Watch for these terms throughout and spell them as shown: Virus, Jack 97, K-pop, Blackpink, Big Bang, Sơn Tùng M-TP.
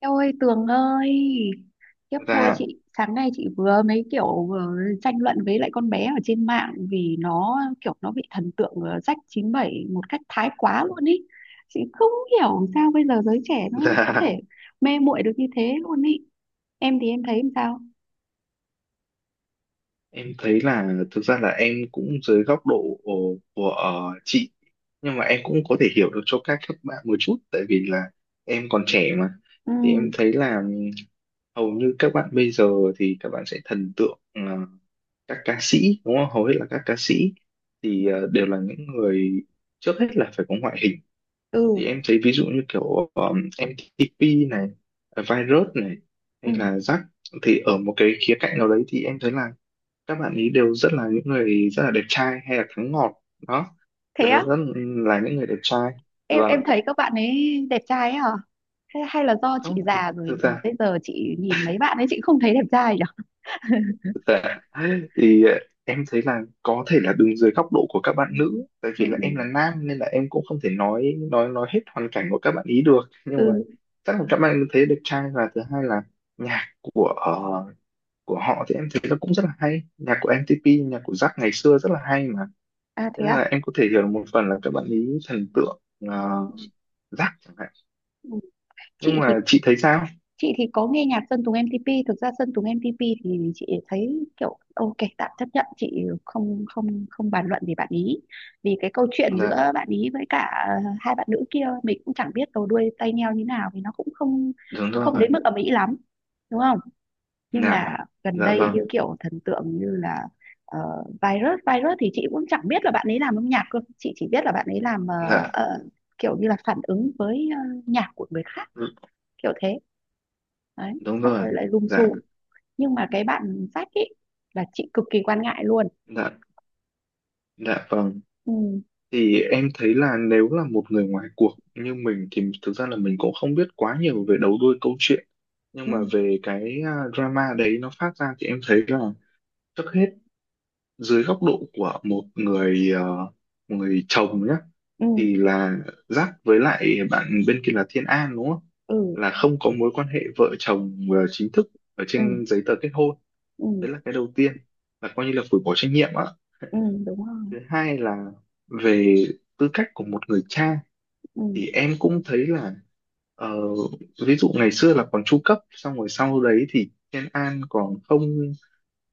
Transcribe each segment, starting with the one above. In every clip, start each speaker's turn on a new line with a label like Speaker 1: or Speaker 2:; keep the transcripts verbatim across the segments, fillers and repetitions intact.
Speaker 1: Eo ơi, Tường ơi! Tiếp thôi
Speaker 2: Dạ,
Speaker 1: chị. Sáng nay chị vừa mấy kiểu vừa tranh luận với lại con bé ở trên mạng. Vì nó kiểu nó bị thần tượng ờ, rách chín bảy một cách thái quá luôn ý. Chị không hiểu sao bây giờ giới trẻ nó
Speaker 2: dạ,
Speaker 1: có thể mê muội được như thế luôn ý. Em thì em thấy làm sao?
Speaker 2: em thấy là thực ra là em cũng dưới góc độ của, của ờ, chị, nhưng mà em cũng có thể hiểu được cho các các bạn một chút tại vì là em còn trẻ mà.
Speaker 1: Ừ,
Speaker 2: Thì em thấy là ừm, hầu như các bạn bây giờ thì các bạn sẽ thần tượng ờ, các ca sĩ đúng không? Hầu hết là các ca sĩ thì ờ, đều là những người trước hết là phải có ngoại hình.
Speaker 1: ừ,
Speaker 2: Thì em thấy ví dụ như kiểu um, em tê pê này, virus này
Speaker 1: ừ.
Speaker 2: hay là rắc, thì ở một cái khía cạnh nào đấy thì em thấy là các bạn ấy đều rất là những người rất là đẹp trai hay là thắng ngọt đó,
Speaker 1: Thế
Speaker 2: đều là
Speaker 1: á?
Speaker 2: rất là những người đẹp trai.
Speaker 1: Em em
Speaker 2: Và
Speaker 1: thấy các bạn ấy đẹp trai ấy hả? Hay, hay là do chị
Speaker 2: không thì
Speaker 1: già rồi
Speaker 2: thực
Speaker 1: mà
Speaker 2: ra,
Speaker 1: bây giờ chị nhìn mấy bạn ấy chị không thấy đẹp trai nhỉ?
Speaker 2: thực ra thì ờ, em thấy là có thể là đứng dưới góc độ của các bạn
Speaker 1: Ừ,
Speaker 2: nữ tại
Speaker 1: ừ,
Speaker 2: vì là
Speaker 1: ừ.
Speaker 2: em là nam nên là em cũng không thể nói nói nói hết hoàn cảnh của các bạn ý được, nhưng mà
Speaker 1: Ừ.
Speaker 2: chắc là các bạn thấy đẹp trai. Và thứ hai là nhạc của ờ, của họ thì em thấy nó cũng rất là hay, nhạc của em tê pê nhạc của Jack ngày xưa rất là hay mà,
Speaker 1: À
Speaker 2: thế
Speaker 1: thế
Speaker 2: nên là
Speaker 1: à?
Speaker 2: em có thể hiểu được một phần là các bạn ý thần tượng uh, Jack chẳng hạn.
Speaker 1: Ừ. chị
Speaker 2: Nhưng
Speaker 1: thì
Speaker 2: mà chị thấy sao?
Speaker 1: chị thì có nghe nhạc Sơn Tùng M-tê pê. Thực ra Sơn Tùng M-tê pê thì chị thấy kiểu ok, tạm chấp nhận, chị không không không bàn luận về bạn ý, vì cái câu chuyện
Speaker 2: Dạ,
Speaker 1: giữa bạn ý với cả hai bạn nữ kia mình cũng chẳng biết đầu đuôi tay nheo như nào, vì nó cũng không
Speaker 2: đúng rồi.
Speaker 1: không đến mức ầm ĩ lắm, đúng không. Nhưng
Speaker 2: Dạ.
Speaker 1: mà gần
Speaker 2: Dạ
Speaker 1: đây như
Speaker 2: vâng.
Speaker 1: kiểu thần tượng như là ờ, Virus Virus thì chị cũng chẳng biết là bạn ấy làm âm nhạc cơ, chị chỉ biết là bạn ấy làm ờ,
Speaker 2: Dạ.
Speaker 1: ờ, kiểu như là phản ứng với ờ, nhạc của người khác,
Speaker 2: Ừ,
Speaker 1: kiểu thế đấy,
Speaker 2: đúng
Speaker 1: xong
Speaker 2: rồi.
Speaker 1: rồi lại lùm
Speaker 2: Dạ.
Speaker 1: xùm. Nhưng mà cái bạn sách ấy là chị cực kỳ quan ngại luôn.
Speaker 2: Dạ dạ vâng.
Speaker 1: Ừ.
Speaker 2: Thì em thấy là nếu là một người ngoài cuộc như mình thì thực ra là mình cũng không biết quá nhiều về đầu đuôi câu chuyện, nhưng
Speaker 1: Ừ.
Speaker 2: mà về cái à, drama đấy nó phát ra thì em thấy là trước hết dưới góc độ của một người ờ, một người chồng nhé,
Speaker 1: Ừ.
Speaker 2: thì là Giáp với lại bạn bên kia là Thiên An đúng không?
Speaker 1: Ừ.
Speaker 2: Là không có mối quan hệ vợ chồng ờ, chính thức ở
Speaker 1: Ừ.
Speaker 2: trên giấy tờ kết hôn.
Speaker 1: Ừ,
Speaker 2: Đấy là cái đầu tiên, là coi như là phủi bỏ trách nhiệm ạ.
Speaker 1: ừ. Đúng rồi.
Speaker 2: Thứ hai là về tư cách của một người cha
Speaker 1: Ừ.
Speaker 2: thì em cũng thấy là ờ, ví dụ ngày xưa là còn chu cấp, xong rồi sau đấy thì Thiên An còn không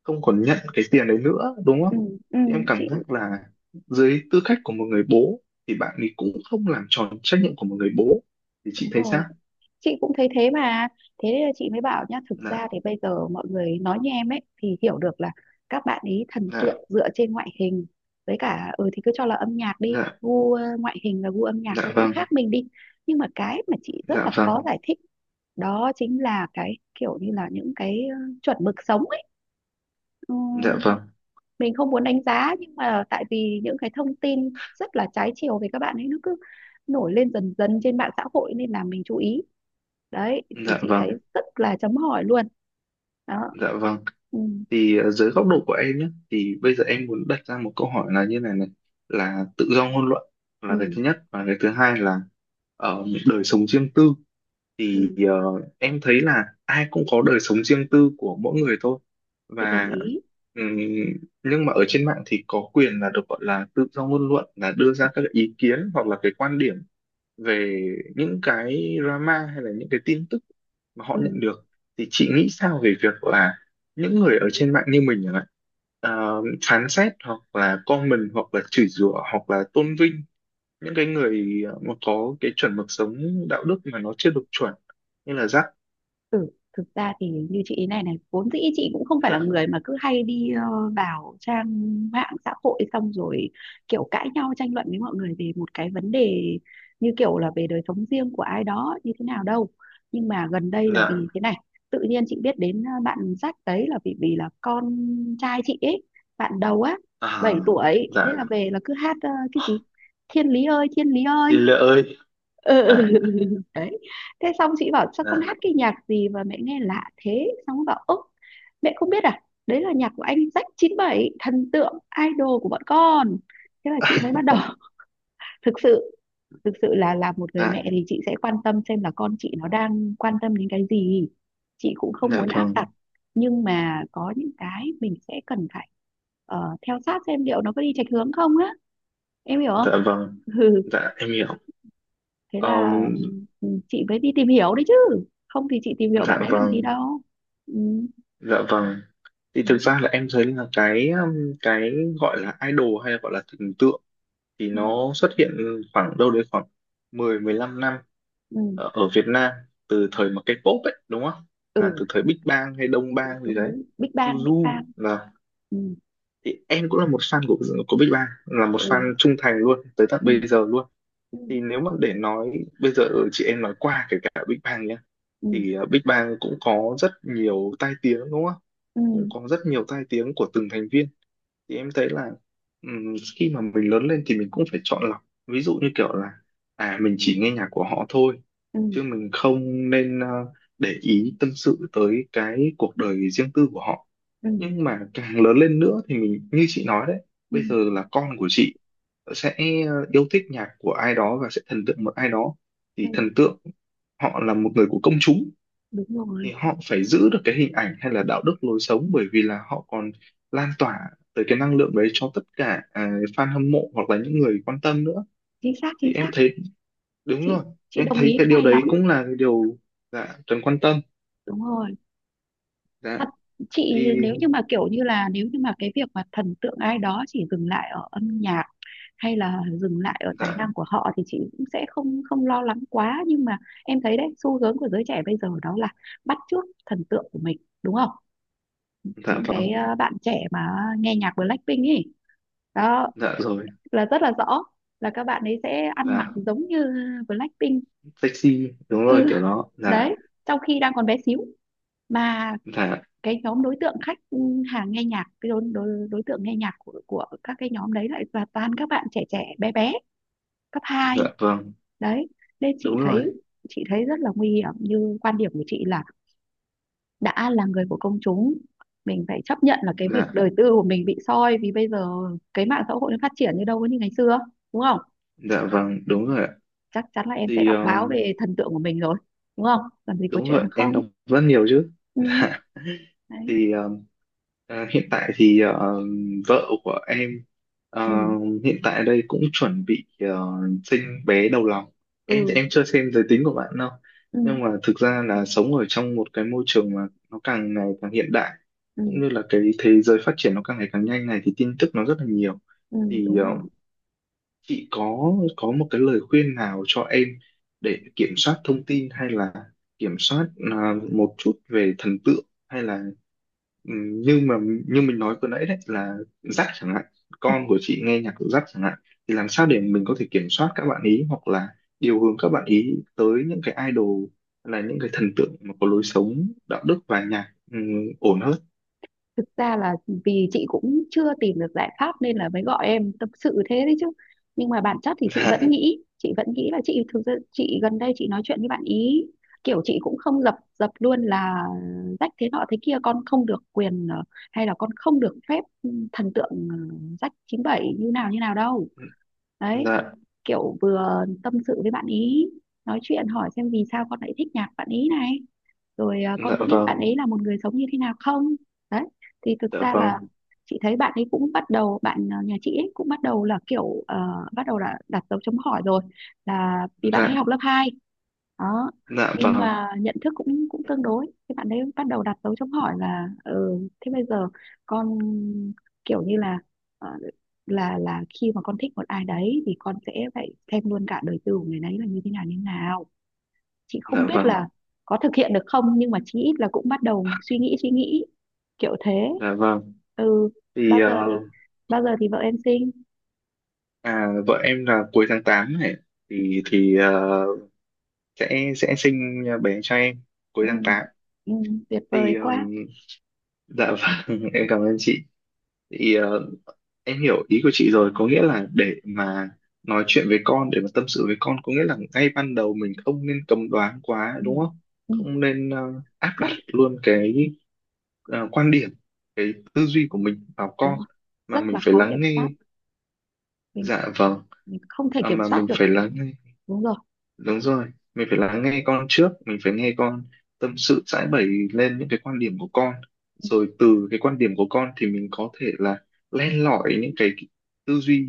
Speaker 2: không còn nhận cái tiền đấy nữa đúng
Speaker 1: Ừ.
Speaker 2: không,
Speaker 1: Ừ.
Speaker 2: thì em cảm
Speaker 1: chị
Speaker 2: giác là dưới tư cách của một người bố thì bạn ấy cũng không làm tròn trách nhiệm của một người bố. Thì chị
Speaker 1: đúng
Speaker 2: thấy
Speaker 1: rồi
Speaker 2: sao?
Speaker 1: chị cũng thấy thế mà, thế nên là chị mới bảo nhá, thực
Speaker 2: Dạ.
Speaker 1: ra thì bây giờ mọi người nói như em ấy thì hiểu được là các bạn ấy thần
Speaker 2: Dạ.
Speaker 1: tượng dựa trên ngoại hình, với cả ừ thì cứ cho là âm nhạc đi,
Speaker 2: Dạ.
Speaker 1: gu ờ, ngoại hình và gu âm nhạc
Speaker 2: Dạ
Speaker 1: nó cũng
Speaker 2: vâng.
Speaker 1: khác mình đi. Nhưng mà cái mà chị rất
Speaker 2: Dạ
Speaker 1: là
Speaker 2: vâng.
Speaker 1: khó giải thích đó chính là cái kiểu như là những cái ờ, chuẩn mực sống ấy. Ừ,
Speaker 2: Dạ vâng.
Speaker 1: mình không muốn đánh giá nhưng mà tại vì những cái thông tin rất là trái chiều về các bạn ấy nó cứ nổi lên dần dần trên mạng xã hội nên là mình chú ý. Đấy, thì
Speaker 2: Dạ
Speaker 1: chị
Speaker 2: vâng.
Speaker 1: thấy rất là chấm hỏi luôn. Đó.
Speaker 2: Dạ vâng.
Speaker 1: Ừ,
Speaker 2: Thì ờ, dưới góc độ của em nhé, thì bây giờ em muốn đặt ra một câu hỏi là như này này, là tự do ngôn luận
Speaker 1: ừ,
Speaker 2: là cái thứ nhất, và cái thứ hai là ở đời sống riêng tư.
Speaker 1: ừ.
Speaker 2: Thì ờ, em thấy là ai cũng có đời sống riêng tư của mỗi người thôi,
Speaker 1: Chị đồng
Speaker 2: và
Speaker 1: ý.
Speaker 2: ừm, nhưng mà ở trên mạng thì có quyền là được gọi là tự do ngôn luận, là đưa ra các ý kiến hoặc là cái quan điểm về những cái drama hay là những cái tin tức mà họ
Speaker 1: Ừ.
Speaker 2: nhận được. Thì chị nghĩ sao về việc là những người ở trên mạng như mình chẳng hạn ờ, phán xét hoặc là comment hoặc là chửi rủa hoặc là tôn vinh những cái người ờ, mà có cái chuẩn mực sống đạo đức mà nó chưa được chuẩn như là rắc?
Speaker 1: Ừ. Thực ra thì như chị ý này này, vốn dĩ chị cũng không phải là
Speaker 2: Dạ.
Speaker 1: người mà cứ hay đi ờ, vào trang mạng xã hội xong rồi kiểu cãi nhau tranh luận với mọi người về một cái vấn đề, như kiểu là về đời sống riêng của ai đó như thế nào đâu. Nhưng mà gần đây là
Speaker 2: Dạ.
Speaker 1: vì thế này, tự nhiên chị biết đến ờ, bạn Jack đấy là vì vì là con trai chị ấy, bạn đầu á,
Speaker 2: À,
Speaker 1: bảy tuổi, thế là
Speaker 2: dạ.
Speaker 1: về là cứ hát ờ, cái gì thiên lý ơi thiên lý
Speaker 2: Thì
Speaker 1: ơi.
Speaker 2: lệ ơi.
Speaker 1: Ừ.
Speaker 2: Dạ.
Speaker 1: Đấy. Thế xong chị bảo sao con
Speaker 2: Dạ.
Speaker 1: hát cái nhạc gì mà mẹ nghe lạ thế, xong nó bảo ơ mẹ không biết à, đấy là nhạc của anh Jack chín bảy, thần tượng idol của bọn con. Thế là chị mới bắt đầu thực sự thực sự là là một người
Speaker 2: Dạ.
Speaker 1: mẹ thì chị sẽ quan tâm xem là con chị nó đang quan tâm đến cái gì. Chị cũng không
Speaker 2: Dạ
Speaker 1: muốn áp
Speaker 2: vâng.
Speaker 1: đặt nhưng mà có những cái mình sẽ cần phải ờ, theo sát xem liệu nó có đi chệch hướng không á, em hiểu không.
Speaker 2: Dạ vâng. Dạ em hiểu.
Speaker 1: Thế là
Speaker 2: Ờm,
Speaker 1: ừ, chị mới đi tìm hiểu đấy chứ, không thì chị tìm hiểu
Speaker 2: dạ
Speaker 1: bạn ấy làm gì
Speaker 2: vâng.
Speaker 1: đâu. Ừ.
Speaker 2: Dạ vâng. Thì
Speaker 1: Đấy.
Speaker 2: thực ra là em thấy là cái um, cái gọi là idol hay là gọi là thần tượng thì
Speaker 1: Ừ.
Speaker 2: nó xuất hiện khoảng đâu đấy khoảng mười mười 15 năm
Speaker 1: Ừ.
Speaker 2: ở, ở Việt Nam, từ thời mà K-pop ấy đúng không, là từ
Speaker 1: Ừ,
Speaker 2: thời Big Bang hay Đông
Speaker 1: đúng
Speaker 2: Bang gì
Speaker 1: đúng
Speaker 2: đấy,
Speaker 1: đúng, Big Bang, Big
Speaker 2: Suzu
Speaker 1: Bang.
Speaker 2: là.
Speaker 1: Ừ.
Speaker 2: Thì em cũng là một fan của của Big Bang, là một
Speaker 1: Ừ.
Speaker 2: fan trung thành luôn tới tận
Speaker 1: Ừ.
Speaker 2: bây giờ luôn.
Speaker 1: Ừ.
Speaker 2: Thì nếu mà để nói bây giờ chị em nói qua kể cả Big Bang nhá,
Speaker 1: Ừ.
Speaker 2: thì ờ, Big Bang cũng có rất nhiều tai tiếng đúng không,
Speaker 1: Ừ.
Speaker 2: cũng có rất nhiều tai tiếng của từng thành viên. Thì em thấy là ừm, khi mà mình lớn lên thì mình cũng phải chọn lọc, ví dụ như kiểu là à mình chỉ nghe nhạc của họ thôi
Speaker 1: Ừ.
Speaker 2: chứ mình không nên ờ, để ý tâm sự tới cái cuộc đời riêng tư của họ.
Speaker 1: Ừ.
Speaker 2: Nhưng mà càng lớn lên nữa thì mình như chị nói đấy,
Speaker 1: Ừ.
Speaker 2: bây giờ là con của chị sẽ ờ, yêu thích nhạc của ai đó và sẽ thần tượng một ai đó,
Speaker 1: Ừ.
Speaker 2: thì thần tượng họ là một người của công chúng
Speaker 1: Đúng rồi.
Speaker 2: thì họ phải giữ được cái hình ảnh hay là đạo đức lối sống, bởi vì là họ còn lan tỏa tới cái năng lượng đấy cho tất cả à, fan hâm mộ hoặc là những người quan tâm nữa.
Speaker 1: Chính xác,
Speaker 2: Thì
Speaker 1: chính xác.
Speaker 2: em thấy đúng
Speaker 1: chị
Speaker 2: rồi.
Speaker 1: chị
Speaker 2: Thì em
Speaker 1: đồng
Speaker 2: thấy
Speaker 1: ý
Speaker 2: cái
Speaker 1: cái
Speaker 2: điều
Speaker 1: này lắm
Speaker 2: đấy cũng
Speaker 1: ấy.
Speaker 2: là cái điều dạ cần quan tâm.
Speaker 1: Đúng rồi,
Speaker 2: Dạ.
Speaker 1: thật. Chị
Speaker 2: Thì
Speaker 1: nếu như mà kiểu như là nếu như mà cái việc mà thần tượng ai đó chỉ dừng lại ở âm nhạc hay là dừng lại ở tài
Speaker 2: dạ.
Speaker 1: năng của họ thì chị cũng sẽ không không lo lắng quá, nhưng mà em thấy đấy, xu hướng của giới trẻ bây giờ đó là bắt chước thần tượng của mình, đúng không.
Speaker 2: Dạ
Speaker 1: Những cái
Speaker 2: vâng.
Speaker 1: ờ, bạn trẻ mà nghe nhạc Blackpink ấy, đó
Speaker 2: Dạ rồi.
Speaker 1: là rất là rõ, là các bạn ấy sẽ ăn mặc
Speaker 2: Dạ
Speaker 1: giống như Blackpink.
Speaker 2: taxi, đúng rồi
Speaker 1: Ừ.
Speaker 2: kiểu đó dạ.
Speaker 1: Đấy. Trong khi đang còn bé xíu mà
Speaker 2: Dạ.
Speaker 1: cái nhóm đối tượng khách hàng nghe nhạc, cái đối, đối, đối tượng nghe nhạc của, của các cái nhóm đấy lại là toàn các bạn trẻ trẻ bé bé, cấp
Speaker 2: Dạ
Speaker 1: hai.
Speaker 2: vâng.
Speaker 1: Đấy, nên chị
Speaker 2: Đúng
Speaker 1: thấy,
Speaker 2: rồi.
Speaker 1: chị thấy rất là nguy hiểm. Như quan điểm của chị là đã là người của công chúng mình phải chấp nhận là cái việc
Speaker 2: Dạ.
Speaker 1: đời tư của mình bị soi, vì bây giờ cái mạng xã hội nó phát triển như đâu có như ngày xưa, đúng không.
Speaker 2: Dạ vâng. Đúng rồi ạ.
Speaker 1: Chắc chắn là em sẽ
Speaker 2: Thì
Speaker 1: đọc
Speaker 2: ờ,
Speaker 1: báo về thần tượng của mình rồi, đúng không, làm gì có
Speaker 2: đúng
Speaker 1: chuyện là
Speaker 2: rồi, em
Speaker 1: không.
Speaker 2: đọc rất nhiều chứ.
Speaker 1: Ừ.
Speaker 2: Dạ.
Speaker 1: Đấy.
Speaker 2: Thì ờ, ờ, hiện tại thì ờ, vợ của em
Speaker 1: Ừ.
Speaker 2: ờ, hiện tại đây cũng chuẩn bị ờ, sinh bé đầu lòng.
Speaker 1: Ừ.
Speaker 2: Em thì em chưa xem giới tính của bạn đâu,
Speaker 1: Ừ,
Speaker 2: nhưng mà thực ra là sống ở trong một cái môi trường mà nó càng ngày càng hiện đại,
Speaker 1: ừ,
Speaker 2: cũng như là cái thế giới phát triển nó càng ngày càng nhanh này, thì tin tức nó rất là nhiều.
Speaker 1: ừ.
Speaker 2: Thì
Speaker 1: Đúng
Speaker 2: ờ,
Speaker 1: rồi.
Speaker 2: chị có có một cái lời khuyên nào cho em để kiểm soát thông tin hay là kiểm soát à, một chút về thần tượng hay là ừm, như mà như mình nói vừa nãy đấy là dắt chẳng hạn, con của chị nghe nhạc dắt chẳng hạn, thì làm sao để mình có thể kiểm soát các bạn ý hoặc là điều hướng các bạn ý tới những cái idol hay là những cái thần tượng mà có lối sống đạo đức và nhạc ừm, ổn hơn?
Speaker 1: Thực ra là vì chị cũng chưa tìm được giải pháp nên là mới gọi em tâm sự thế đấy chứ. Nhưng mà bản chất thì chị vẫn
Speaker 2: Dạ.
Speaker 1: nghĩ, chị vẫn nghĩ là chị, thực ra chị gần đây chị nói chuyện với bạn ý kiểu chị cũng không dập dập luôn là rách thế nọ thế kia con không được quyền ờ, hay là con không được phép thần tượng ờ, rách chín bảy như nào như nào đâu. Đấy.
Speaker 2: Dạ.
Speaker 1: Kiểu vừa tâm sự với bạn ý, nói chuyện hỏi xem vì sao con lại thích nhạc bạn ý này, rồi à, con
Speaker 2: Dạ
Speaker 1: có
Speaker 2: vâng.
Speaker 1: biết bạn ấy là một người sống như thế nào không. Đấy, thì thực
Speaker 2: Dạ
Speaker 1: ra là
Speaker 2: vâng.
Speaker 1: chị thấy bạn ấy cũng bắt đầu, bạn ờ, nhà chị ấy cũng bắt đầu là kiểu ờ, bắt đầu là đặt dấu chấm hỏi rồi, là vì bạn
Speaker 2: Dạ.
Speaker 1: ấy học lớp hai. Đó.
Speaker 2: Dạ
Speaker 1: Nhưng
Speaker 2: vâng.
Speaker 1: mà nhận thức cũng cũng tương đối thì bạn ấy bắt đầu đặt dấu chấm hỏi là ừ, thế bây giờ con kiểu như là ờ, là là khi mà con thích một ai đấy thì con sẽ phải xem luôn cả đời tư của người đấy là như thế nào như thế nào. Chị không
Speaker 2: Dạ
Speaker 1: biết
Speaker 2: vâng.
Speaker 1: là có thực hiện được không nhưng mà chí ít là cũng bắt đầu suy nghĩ suy nghĩ, kiểu thế.
Speaker 2: Dạ vâng.
Speaker 1: Ừ.
Speaker 2: Thì
Speaker 1: Bao
Speaker 2: ờ,
Speaker 1: giờ thì, bao giờ thì vợ em sinh?
Speaker 2: à, vợ em là cuối tháng tám này, thì thì ờ, sẽ sẽ sinh bé cho em cuối
Speaker 1: Ừ,
Speaker 2: tháng tám.
Speaker 1: ừ, tuyệt vời
Speaker 2: Thì
Speaker 1: quá.
Speaker 2: ừm, dạ vâng, em cảm ơn chị. Thì ờ, em hiểu ý của chị rồi, có nghĩa là để mà nói chuyện với con, để mà tâm sự với con, có nghĩa là ngay ban đầu mình không nên cấm đoán quá
Speaker 1: Ừ,
Speaker 2: đúng không?
Speaker 1: ừ,
Speaker 2: Không nên ờ, áp
Speaker 1: rất.
Speaker 2: đặt luôn cái ờ, quan điểm, cái tư duy của mình vào
Speaker 1: Đúng
Speaker 2: con,
Speaker 1: rồi.
Speaker 2: mà
Speaker 1: Rất
Speaker 2: mình
Speaker 1: là
Speaker 2: phải
Speaker 1: khó kiểm
Speaker 2: lắng nghe.
Speaker 1: soát, mình,
Speaker 2: Dạ vâng.
Speaker 1: mình không thể
Speaker 2: À,
Speaker 1: kiểm
Speaker 2: mà
Speaker 1: soát
Speaker 2: mình
Speaker 1: được.
Speaker 2: phải lắng.
Speaker 1: Đúng rồi.
Speaker 2: Đúng rồi, mình phải lắng nghe con trước, mình phải nghe con tâm sự giãi bày lên những cái quan điểm của con.
Speaker 1: Ừ,
Speaker 2: Rồi từ cái quan điểm của con thì mình có thể là len lỏi những cái tư duy,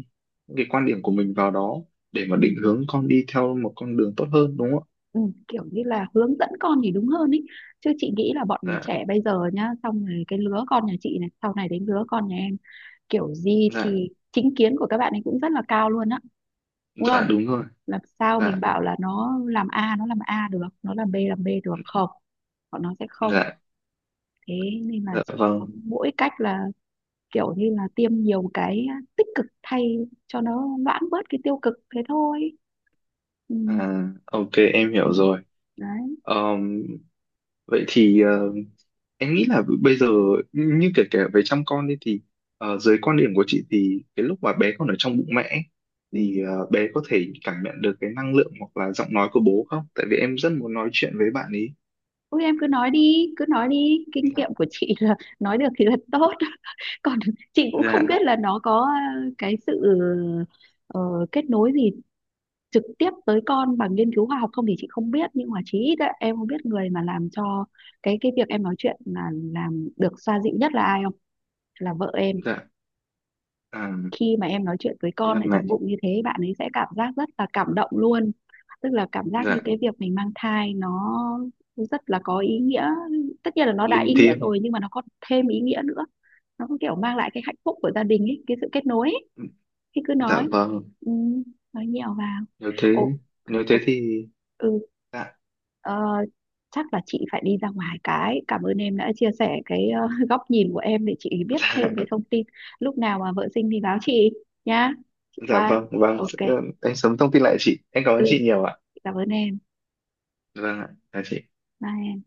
Speaker 2: những cái quan điểm của mình vào đó để mà
Speaker 1: ừ,
Speaker 2: định hướng con đi theo một con đường tốt hơn đúng không
Speaker 1: ừ, kiểu như là hướng dẫn con thì đúng hơn ý, chứ chị nghĩ là bọn
Speaker 2: ạ? Dạ,
Speaker 1: trẻ bây giờ nhá, xong rồi cái lứa con nhà chị này sau này đến lứa con nhà em kiểu gì
Speaker 2: dạ,
Speaker 1: thì chính kiến của các bạn ấy cũng rất là cao luôn á, đúng
Speaker 2: dạ
Speaker 1: không.
Speaker 2: đúng rồi,
Speaker 1: Làm sao
Speaker 2: dạ,
Speaker 1: mình bảo là nó làm A nó làm A được, nó làm B làm B được không, bọn nó sẽ không.
Speaker 2: dạ,
Speaker 1: Thế nên là
Speaker 2: dạ
Speaker 1: chỉ có
Speaker 2: vâng.
Speaker 1: mỗi cách là kiểu như là tiêm nhiều cái tích cực thay cho nó loãng bớt cái tiêu cực thế thôi. Ừ,
Speaker 2: À, ok, em
Speaker 1: ừ.
Speaker 2: hiểu rồi.
Speaker 1: Đấy.
Speaker 2: Ờm, vậy thì ờ, em nghĩ là bây giờ như kể cả về chăm con đi, thì ờ, dưới quan điểm của chị thì cái lúc mà bé còn ở trong bụng mẹ ấy,
Speaker 1: Ừ.
Speaker 2: thì ờ, bé có thể cảm nhận được cái năng lượng hoặc là giọng nói của bố không? Tại vì em rất muốn nói chuyện với bạn ấy.
Speaker 1: Ôi em cứ nói đi, cứ nói đi, kinh
Speaker 2: Dạ,
Speaker 1: nghiệm của chị là nói được thì là tốt. Còn chị cũng
Speaker 2: dạ,
Speaker 1: không biết là nó có ờ, cái sự ờ, kết nối gì trực tiếp tới con bằng nghiên cứu khoa học không thì chị không biết, nhưng mà chí ít ấy, em không biết người mà làm cho cái cái việc em nói chuyện là làm được xoa dịu nhất là ai không, là vợ em.
Speaker 2: dạ, à,
Speaker 1: Khi mà em nói chuyện với
Speaker 2: thế
Speaker 1: con
Speaker 2: là
Speaker 1: ở
Speaker 2: mẹ,
Speaker 1: trong bụng như thế, bạn ấy sẽ cảm giác rất là cảm động luôn, tức là cảm giác như
Speaker 2: dạ,
Speaker 1: cái việc mình mang thai nó rất là có ý nghĩa. Tất nhiên là nó đã
Speaker 2: linh
Speaker 1: ý nghĩa
Speaker 2: thiêng,
Speaker 1: rồi nhưng mà nó còn thêm ý nghĩa nữa, nó có kiểu mang lại cái hạnh phúc của gia đình ấy, cái sự kết nối ấy. Thì cứ
Speaker 2: dạ
Speaker 1: nói.
Speaker 2: vâng,
Speaker 1: Ừ, nói nhiều vào.
Speaker 2: nếu thế, nếu thế
Speaker 1: Ủa.
Speaker 2: thì,
Speaker 1: Ừ.
Speaker 2: dạ,
Speaker 1: ờ, Chắc là chị phải đi ra ngoài cái. Cảm ơn em đã chia sẻ cái ờ, góc nhìn của em để chị biết thêm về
Speaker 2: dạ,
Speaker 1: thông tin. Lúc nào mà vợ sinh thì báo chị nhá. Chị
Speaker 2: dạ
Speaker 1: qua.
Speaker 2: vâng, vâng,
Speaker 1: Ok.
Speaker 2: sẽ, em sớm thông tin lại chị, em cảm ơn
Speaker 1: Ừ,
Speaker 2: chị nhiều ạ,
Speaker 1: cảm ơn em.
Speaker 2: vâng ạ, chào chị.
Speaker 1: Bye em.